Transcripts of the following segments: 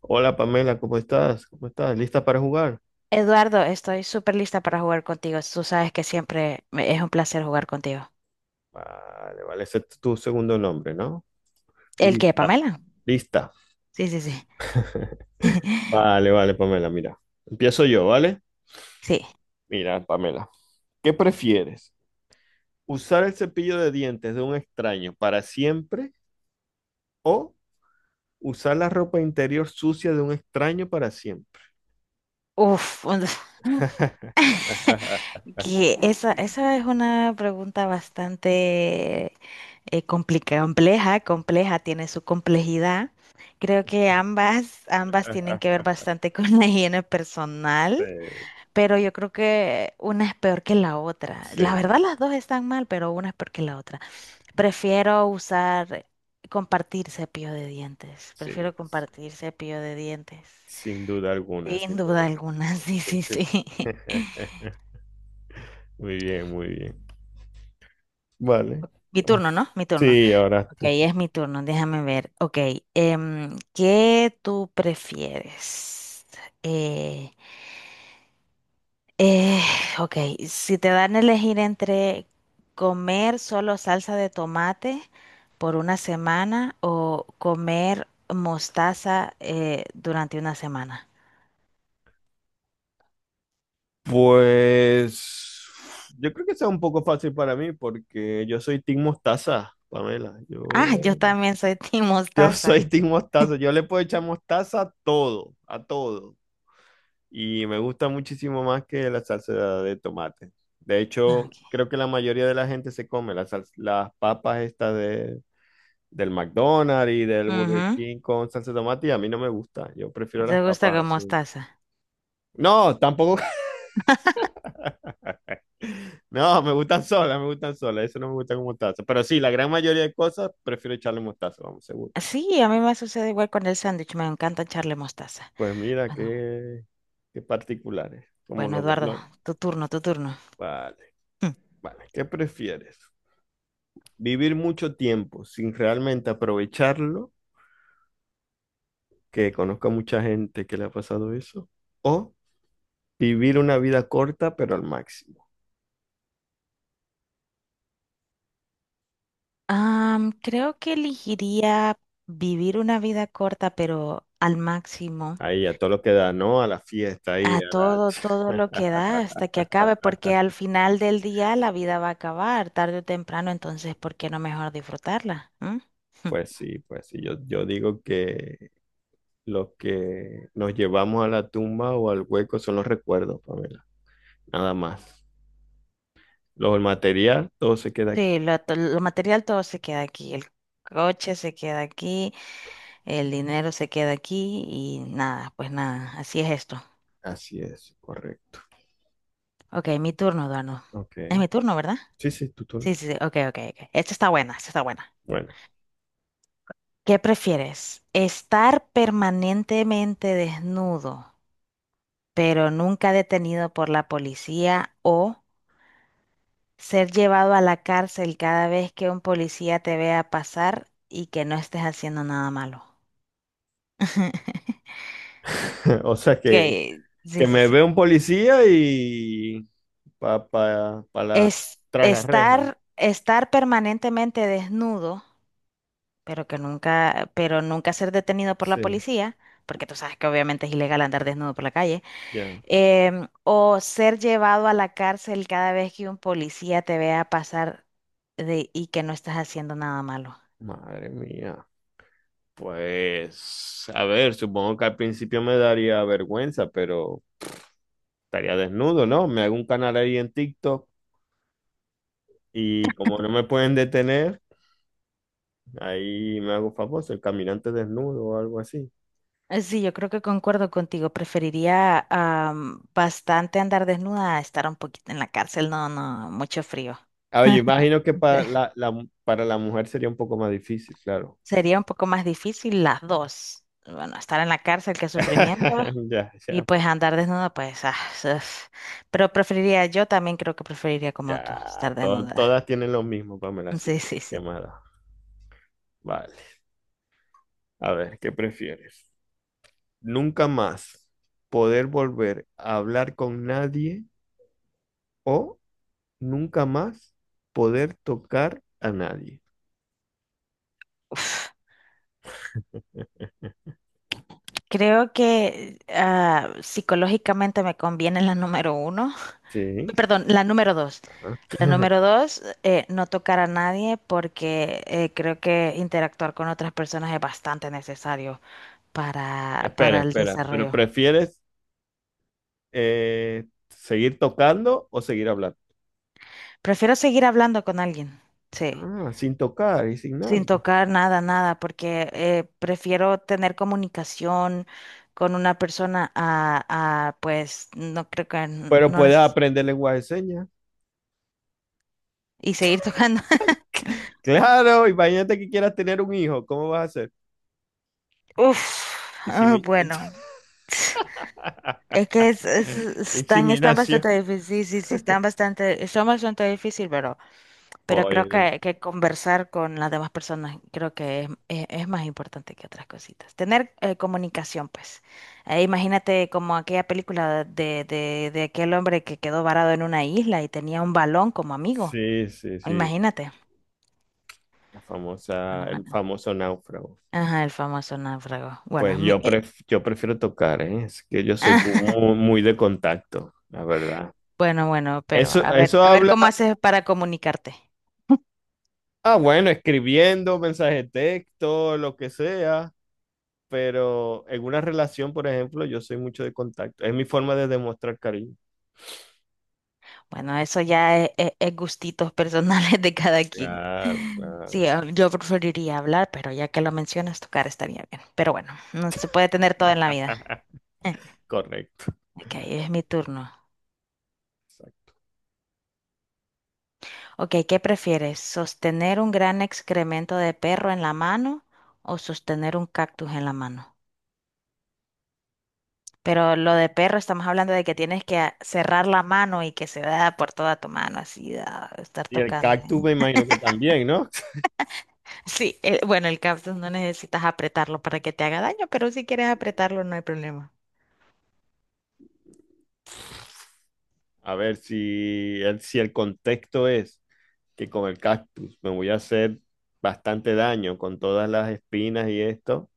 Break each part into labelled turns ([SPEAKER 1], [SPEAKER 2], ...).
[SPEAKER 1] Hola Pamela, ¿cómo estás? ¿Cómo estás? ¿Lista para jugar?
[SPEAKER 2] Eduardo, estoy súper lista para jugar contigo. Tú sabes que es un placer jugar contigo.
[SPEAKER 1] Vale, ese es tu segundo nombre, ¿no?
[SPEAKER 2] ¿El qué,
[SPEAKER 1] Lista.
[SPEAKER 2] Pamela?
[SPEAKER 1] Lista.
[SPEAKER 2] Sí, sí, sí.
[SPEAKER 1] Vale, Pamela, mira. Empiezo yo, ¿vale?
[SPEAKER 2] Sí.
[SPEAKER 1] Mira, Pamela, ¿qué prefieres? ¿Usar el cepillo de dientes de un extraño para siempre o usar la ropa interior sucia de un extraño para siempre?
[SPEAKER 2] Uf, que esa es una pregunta bastante compleja, compleja, tiene su complejidad. Creo que ambas tienen que ver bastante con la higiene
[SPEAKER 1] Sí,
[SPEAKER 2] personal, pero yo creo que una es peor que la otra. La
[SPEAKER 1] sí,
[SPEAKER 2] verdad, las dos están mal, pero una es peor que la otra. Prefiero usar, compartir cepillo de dientes.
[SPEAKER 1] sí,
[SPEAKER 2] Prefiero compartir cepillo de dientes.
[SPEAKER 1] sin duda alguna,
[SPEAKER 2] Sin
[SPEAKER 1] sin duda
[SPEAKER 2] duda alguna,
[SPEAKER 1] alguna.
[SPEAKER 2] sí,
[SPEAKER 1] Sí,
[SPEAKER 2] sí,
[SPEAKER 1] sí.
[SPEAKER 2] sí.
[SPEAKER 1] Muy bien, muy bien. Vale.
[SPEAKER 2] Mi
[SPEAKER 1] Ah,
[SPEAKER 2] turno, ¿no? Mi turno.
[SPEAKER 1] sí, ahora
[SPEAKER 2] Ok,
[SPEAKER 1] eres tú.
[SPEAKER 2] es mi turno, déjame ver. Ok, ¿qué tú prefieres? Eh, eh, ok, si te dan a elegir entre comer solo salsa de tomate por una semana o comer mostaza durante una semana.
[SPEAKER 1] Pues yo creo que sea un poco fácil para mí porque yo soy Team Mostaza, Pamela. Yo,
[SPEAKER 2] Ah, yo también soy team
[SPEAKER 1] yo
[SPEAKER 2] mostaza.
[SPEAKER 1] soy Team Mostaza. Yo le puedo echar mostaza a todo, a todo. Y me gusta muchísimo más que la salsa de tomate. De
[SPEAKER 2] Ah,
[SPEAKER 1] hecho,
[SPEAKER 2] ok.
[SPEAKER 1] creo que la mayoría de la gente se come las papas estas del McDonald's y del Burger
[SPEAKER 2] Ujú.
[SPEAKER 1] King con salsa de tomate y a mí no me gusta. Yo prefiero
[SPEAKER 2] ¿Te
[SPEAKER 1] las
[SPEAKER 2] gusta
[SPEAKER 1] papas
[SPEAKER 2] con
[SPEAKER 1] así.
[SPEAKER 2] mostaza?
[SPEAKER 1] No, tampoco. No, me gustan solas, me gustan solas. Eso no me gusta con mostaza. Pero sí, la gran mayoría de cosas prefiero echarle mostaza, vamos, seguro.
[SPEAKER 2] Sí, a mí me sucede igual con el sándwich. Me encanta echarle mostaza.
[SPEAKER 1] Pues mira,
[SPEAKER 2] Bueno,
[SPEAKER 1] qué particulares, como
[SPEAKER 2] bueno,
[SPEAKER 1] los dos,
[SPEAKER 2] Eduardo,
[SPEAKER 1] ¿no?
[SPEAKER 2] tu turno, tu turno.
[SPEAKER 1] Vale,
[SPEAKER 2] Mm.
[SPEAKER 1] vale. ¿Qué prefieres? ¿Vivir mucho tiempo sin realmente aprovecharlo? Que conozca mucha gente que le ha pasado eso. ¿O vivir una vida corta, pero al máximo?
[SPEAKER 2] Creo que elegiría vivir una vida corta, pero al máximo,
[SPEAKER 1] Ahí, a todo lo que da, ¿no? A la fiesta, ahí,
[SPEAKER 2] a
[SPEAKER 1] a la...
[SPEAKER 2] todo, todo lo que da hasta que acabe, porque al final del día la vida va a acabar, tarde o temprano, entonces, ¿por qué no mejor disfrutarla? ¿Mm?
[SPEAKER 1] Pues sí, pues sí. Yo digo que... Lo que nos llevamos a la tumba o al hueco son los recuerdos, Pamela. Nada más. El material, todo se queda aquí.
[SPEAKER 2] Sí, lo material todo se queda aquí, el coche se queda aquí, el dinero se queda aquí y nada, pues nada, así es esto.
[SPEAKER 1] Así es, correcto.
[SPEAKER 2] Ok, mi turno, Eduardo. Es
[SPEAKER 1] Ok.
[SPEAKER 2] mi turno, ¿verdad?
[SPEAKER 1] Sí, sí, tú.
[SPEAKER 2] Sí, sí, sí, ok, ok, ok. Esta está buena, esta está buena.
[SPEAKER 1] Bueno.
[SPEAKER 2] ¿Qué prefieres? ¿Estar permanentemente desnudo, pero nunca detenido por la policía, o ser llevado a la cárcel cada vez que un policía te vea pasar y que no estés haciendo nada malo?
[SPEAKER 1] O sea
[SPEAKER 2] Que
[SPEAKER 1] que
[SPEAKER 2] sí, sí,
[SPEAKER 1] me
[SPEAKER 2] sí.
[SPEAKER 1] ve un policía y pa la
[SPEAKER 2] Es
[SPEAKER 1] tras las rejas.
[SPEAKER 2] estar permanentemente desnudo, pero que nunca, pero nunca ser detenido por la
[SPEAKER 1] Sí,
[SPEAKER 2] policía, porque tú sabes que obviamente es ilegal andar desnudo por la calle,
[SPEAKER 1] ya.
[SPEAKER 2] o ser llevado a la cárcel cada vez que un policía te vea pasar y que no estás haciendo nada malo.
[SPEAKER 1] Madre mía. Pues, a ver, supongo que al principio me daría vergüenza, pero estaría desnudo, ¿no? Me hago un canal ahí en TikTok y como no me pueden detener, ahí me hago famoso, el caminante desnudo o algo así.
[SPEAKER 2] Sí, yo creo que concuerdo contigo. Preferiría bastante andar desnuda a estar un poquito en la cárcel. No, no, mucho frío.
[SPEAKER 1] A ver, yo imagino que para para la mujer sería un poco más difícil, claro.
[SPEAKER 2] Sería un poco más difícil las dos. Bueno, estar en la cárcel, qué sufrimiento,
[SPEAKER 1] Ya, ya,
[SPEAKER 2] y
[SPEAKER 1] pero...
[SPEAKER 2] pues andar desnuda, pues, ah, uf. Pero preferiría, yo también creo que preferiría como tú,
[SPEAKER 1] ya.
[SPEAKER 2] estar desnuda.
[SPEAKER 1] Todas tienen lo mismo, Pamela, así
[SPEAKER 2] Sí,
[SPEAKER 1] que
[SPEAKER 2] sí,
[SPEAKER 1] qué
[SPEAKER 2] sí.
[SPEAKER 1] mala. Vale. A ver, ¿qué prefieres? Nunca más poder volver a hablar con nadie o nunca más poder tocar a nadie.
[SPEAKER 2] Uf. Creo que ah, psicológicamente me conviene la número uno,
[SPEAKER 1] Sí.
[SPEAKER 2] perdón, la número dos. La número dos, no tocar a nadie porque creo que interactuar con otras personas es bastante necesario
[SPEAKER 1] Espera,
[SPEAKER 2] para el
[SPEAKER 1] espera, pero
[SPEAKER 2] desarrollo.
[SPEAKER 1] ¿prefieres seguir tocando o seguir hablando?
[SPEAKER 2] Prefiero seguir hablando con alguien, sí,
[SPEAKER 1] Ah, sin tocar y sin
[SPEAKER 2] sin
[SPEAKER 1] nada.
[SPEAKER 2] tocar nada, nada, porque prefiero tener comunicación con una persona pues, no creo que
[SPEAKER 1] Pero
[SPEAKER 2] no
[SPEAKER 1] puedes
[SPEAKER 2] necesito.
[SPEAKER 1] aprender lenguaje de señas.
[SPEAKER 2] Y seguir tocando.
[SPEAKER 1] Claro, imagínate que quieras tener un hijo, ¿cómo vas a hacer?
[SPEAKER 2] Uf, ah,
[SPEAKER 1] Insemi...
[SPEAKER 2] bueno, es que están, están
[SPEAKER 1] Inseminación.
[SPEAKER 2] bastante difíciles, sí, sí, sí, están bastante, son bastante difíciles, pero... Pero creo
[SPEAKER 1] Pues,
[SPEAKER 2] que conversar con las demás personas creo que es más importante que otras cositas. Tener comunicación, pues. Imagínate como aquella película de aquel hombre que quedó varado en una isla y tenía un balón como amigo.
[SPEAKER 1] sí, sí, sí.
[SPEAKER 2] Imagínate.
[SPEAKER 1] La famosa,
[SPEAKER 2] Bueno,
[SPEAKER 1] el
[SPEAKER 2] bueno.
[SPEAKER 1] famoso náufrago.
[SPEAKER 2] Ajá, el famoso náufrago.
[SPEAKER 1] Pues
[SPEAKER 2] Bueno,
[SPEAKER 1] yo, yo prefiero tocar, ¿eh? Es que yo soy muy, muy de contacto, la verdad.
[SPEAKER 2] bueno, bueno, pero
[SPEAKER 1] Eso, eso
[SPEAKER 2] a ver
[SPEAKER 1] habla,
[SPEAKER 2] cómo haces para comunicarte.
[SPEAKER 1] ah, bueno, escribiendo, mensaje de texto, lo que sea. Pero en una relación, por ejemplo, yo soy mucho de contacto. Es mi forma de demostrar cariño.
[SPEAKER 2] Bueno, eso ya es gustitos personales de cada quien.
[SPEAKER 1] Claro,
[SPEAKER 2] Sí,
[SPEAKER 1] claro.
[SPEAKER 2] yo preferiría hablar, pero ya que lo mencionas, tocar estaría bien. Pero bueno, no se puede tener todo en la vida. Eh,
[SPEAKER 1] Correcto.
[SPEAKER 2] Ok, es mi turno.
[SPEAKER 1] Exacto.
[SPEAKER 2] Ok, ¿qué prefieres? ¿Sostener un gran excremento de perro en la mano o sostener un cactus en la mano? Pero lo de perro estamos hablando de que tienes que cerrar la mano y que se da por toda tu mano, así, da, estar
[SPEAKER 1] Y el
[SPEAKER 2] tocando.
[SPEAKER 1] cactus me imagino que también, ¿no?
[SPEAKER 2] Sí, bueno, el cactus no necesitas apretarlo para que te haga daño, pero si quieres apretarlo no hay problema.
[SPEAKER 1] A ver si el contexto es que con el cactus me voy a hacer bastante daño con todas las espinas y esto,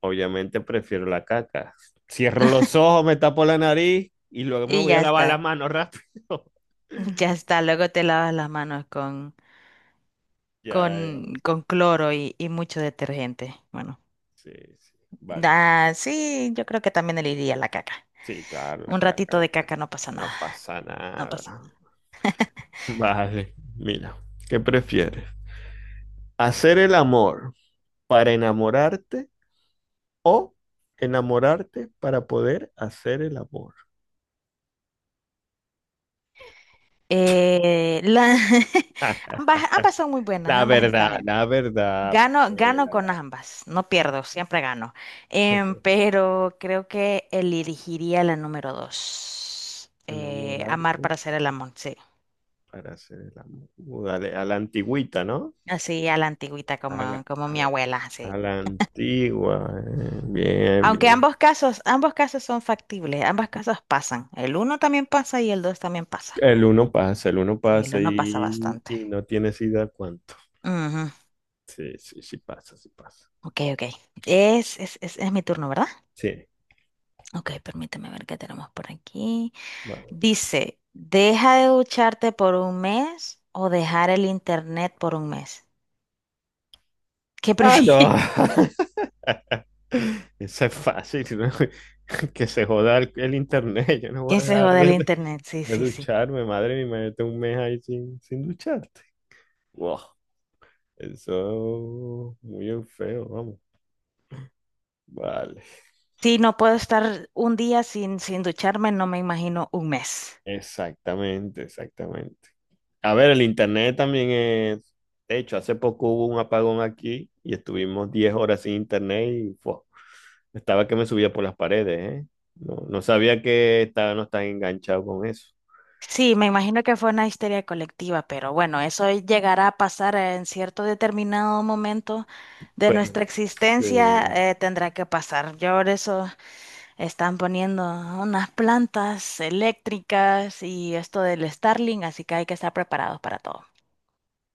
[SPEAKER 1] obviamente prefiero la caca. Cierro los ojos, me tapo la nariz y luego me
[SPEAKER 2] Y
[SPEAKER 1] voy a
[SPEAKER 2] ya
[SPEAKER 1] lavar la
[SPEAKER 2] está,
[SPEAKER 1] mano rápido.
[SPEAKER 2] ya está. Luego te lavas las manos
[SPEAKER 1] Ya,
[SPEAKER 2] con cloro y mucho detergente. Bueno,
[SPEAKER 1] sí, sí, vale.
[SPEAKER 2] ah, sí, yo creo que también le iría la caca.
[SPEAKER 1] Sí, claro, la
[SPEAKER 2] Un
[SPEAKER 1] caca,
[SPEAKER 2] ratito
[SPEAKER 1] la
[SPEAKER 2] de
[SPEAKER 1] caca.
[SPEAKER 2] caca no pasa nada,
[SPEAKER 1] No pasa
[SPEAKER 2] no pasa
[SPEAKER 1] nada.
[SPEAKER 2] nada.
[SPEAKER 1] Vale, mira, ¿qué prefieres? ¿Hacer el amor para enamorarte o enamorarte para poder hacer el amor?
[SPEAKER 2] Eh, la- ambas, ambas son muy buenas, ambas están bien.
[SPEAKER 1] La verdad,
[SPEAKER 2] Gano, gano
[SPEAKER 1] Pamela,
[SPEAKER 2] con
[SPEAKER 1] la...
[SPEAKER 2] ambas, no pierdo, siempre gano. Pero creo que elegiría la número dos. Amar
[SPEAKER 1] Enamorarte
[SPEAKER 2] para hacer el amor, sí.
[SPEAKER 1] para hacer el amor. Dale, a la antigüita, ¿no?
[SPEAKER 2] Así a la antigüita
[SPEAKER 1] A la,
[SPEAKER 2] como, como
[SPEAKER 1] a
[SPEAKER 2] mi
[SPEAKER 1] la-
[SPEAKER 2] abuela, sí.
[SPEAKER 1] a la antigua, eh. Bien,
[SPEAKER 2] Aunque
[SPEAKER 1] bien.
[SPEAKER 2] ambos casos son factibles, ambos casos pasan. El uno también pasa y el dos también pasa.
[SPEAKER 1] El uno
[SPEAKER 2] Sí, el
[SPEAKER 1] pasa
[SPEAKER 2] uno pasa bastante.
[SPEAKER 1] y no tienes idea cuánto.
[SPEAKER 2] Ujú.
[SPEAKER 1] Sí, sí, sí pasa, sí pasa.
[SPEAKER 2] Ok, ok. Es mi turno, ¿verdad?
[SPEAKER 1] Sí,
[SPEAKER 2] Ok, permíteme ver qué tenemos por aquí.
[SPEAKER 1] vale.
[SPEAKER 2] Dice, deja de ducharte por un mes o dejar el internet por un mes. ¿Qué
[SPEAKER 1] Ah,
[SPEAKER 2] prefieres?
[SPEAKER 1] no. Eso es fácil, ¿no? Que se joda el internet. Yo no voy
[SPEAKER 2] ¿Qué
[SPEAKER 1] a
[SPEAKER 2] se
[SPEAKER 1] dejar
[SPEAKER 2] jode el internet? Sí,
[SPEAKER 1] de
[SPEAKER 2] sí, sí.
[SPEAKER 1] ducharme, madre mía, imagínate un mes ahí sin ducharte. Wow. Eso es muy feo, vamos. Vale.
[SPEAKER 2] Sí, no puedo estar un día sin, sin ducharme, no me imagino un mes.
[SPEAKER 1] Exactamente, exactamente. A ver, el internet también es. De hecho, hace poco hubo un apagón aquí y estuvimos 10 horas sin internet y fue... Estaba que me subía por las paredes, ¿eh? No, no sabía que estaba no tan enganchado con eso.
[SPEAKER 2] Sí, me imagino que fue una histeria colectiva, pero bueno, eso llegará a pasar en cierto determinado momento de
[SPEAKER 1] Pero,
[SPEAKER 2] nuestra
[SPEAKER 1] sí,
[SPEAKER 2] existencia, tendrá que pasar. Yo por eso están poniendo unas plantas eléctricas y esto del Starlink, así que hay que estar preparados para todo.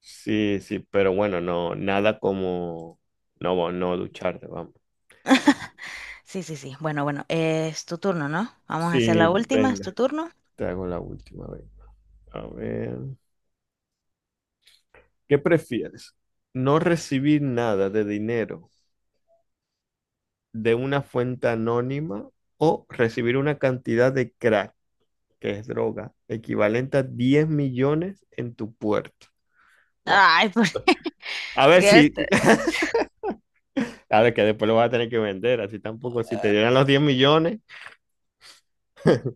[SPEAKER 1] sí, sí, pero bueno, no, nada como no, no ducharte, vamos.
[SPEAKER 2] Sí, sí, sí. Bueno, bueno, es tu turno, ¿no? Vamos a hacer
[SPEAKER 1] Sí,
[SPEAKER 2] la última, es tu
[SPEAKER 1] venga,
[SPEAKER 2] turno.
[SPEAKER 1] te hago la última vez. A ver, ¿qué prefieres? ¿No recibir nada de dinero de una fuente anónima o recibir una cantidad de crack, que es droga, equivalente a 10 millones en tu puerta? Wow.
[SPEAKER 2] Ay, ¿por qué?
[SPEAKER 1] A ver si...
[SPEAKER 2] Este,
[SPEAKER 1] Claro, que después lo vas a tener que vender, así tampoco. Si te dieran los 10 millones.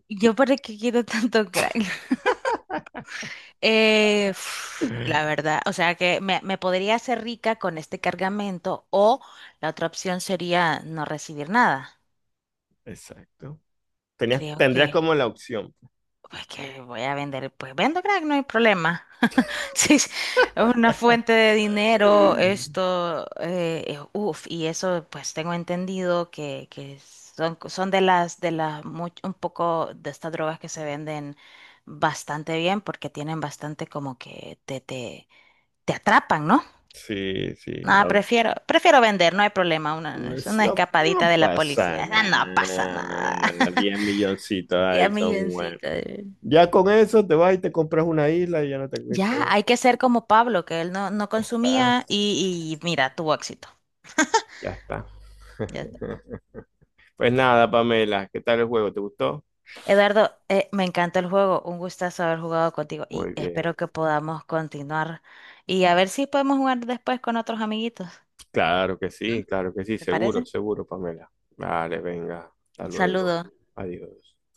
[SPEAKER 2] yo para qué quiero tanto crack. Uf, la verdad, o sea que me podría hacer rica con este cargamento o la otra opción sería no recibir nada.
[SPEAKER 1] Exacto.
[SPEAKER 2] Creo
[SPEAKER 1] Tendrías
[SPEAKER 2] que...
[SPEAKER 1] como la opción.
[SPEAKER 2] Pues que voy a vender, pues vendo crack, no hay problema. Sí, es una fuente de dinero, esto, uff, y eso pues tengo entendido que son, son un poco de estas drogas que se venden bastante bien porque tienen bastante como que te atrapan, ¿no?
[SPEAKER 1] Sí, sí, a
[SPEAKER 2] Nada,
[SPEAKER 1] ver.
[SPEAKER 2] prefiero, prefiero vender, no hay problema, una,
[SPEAKER 1] No,
[SPEAKER 2] es una escapadita
[SPEAKER 1] no
[SPEAKER 2] de la
[SPEAKER 1] pasa
[SPEAKER 2] policía. Ah, no pasa nada.
[SPEAKER 1] nada. 10 milloncitos
[SPEAKER 2] Ya
[SPEAKER 1] ahí son buenos.
[SPEAKER 2] milloncito.
[SPEAKER 1] Ya con eso te vas y te compras una isla y ya no te...
[SPEAKER 2] Ya,
[SPEAKER 1] te...
[SPEAKER 2] hay que ser como Pablo, que él no, no
[SPEAKER 1] Ya está,
[SPEAKER 2] consumía y mira, tuvo éxito.
[SPEAKER 1] ya está.
[SPEAKER 2] Ya está.
[SPEAKER 1] Pues nada, Pamela, ¿qué tal el juego? ¿Te gustó?
[SPEAKER 2] Eduardo, me encantó el juego, un gustazo haber jugado contigo y
[SPEAKER 1] Muy bien.
[SPEAKER 2] espero que podamos continuar y a ver si podemos jugar después con otros amiguitos. ¿Mm?
[SPEAKER 1] Claro que sí,
[SPEAKER 2] ¿Te
[SPEAKER 1] seguro,
[SPEAKER 2] parece?
[SPEAKER 1] seguro, Pamela. Vale, venga, hasta
[SPEAKER 2] Un saludo.
[SPEAKER 1] luego. Adiós.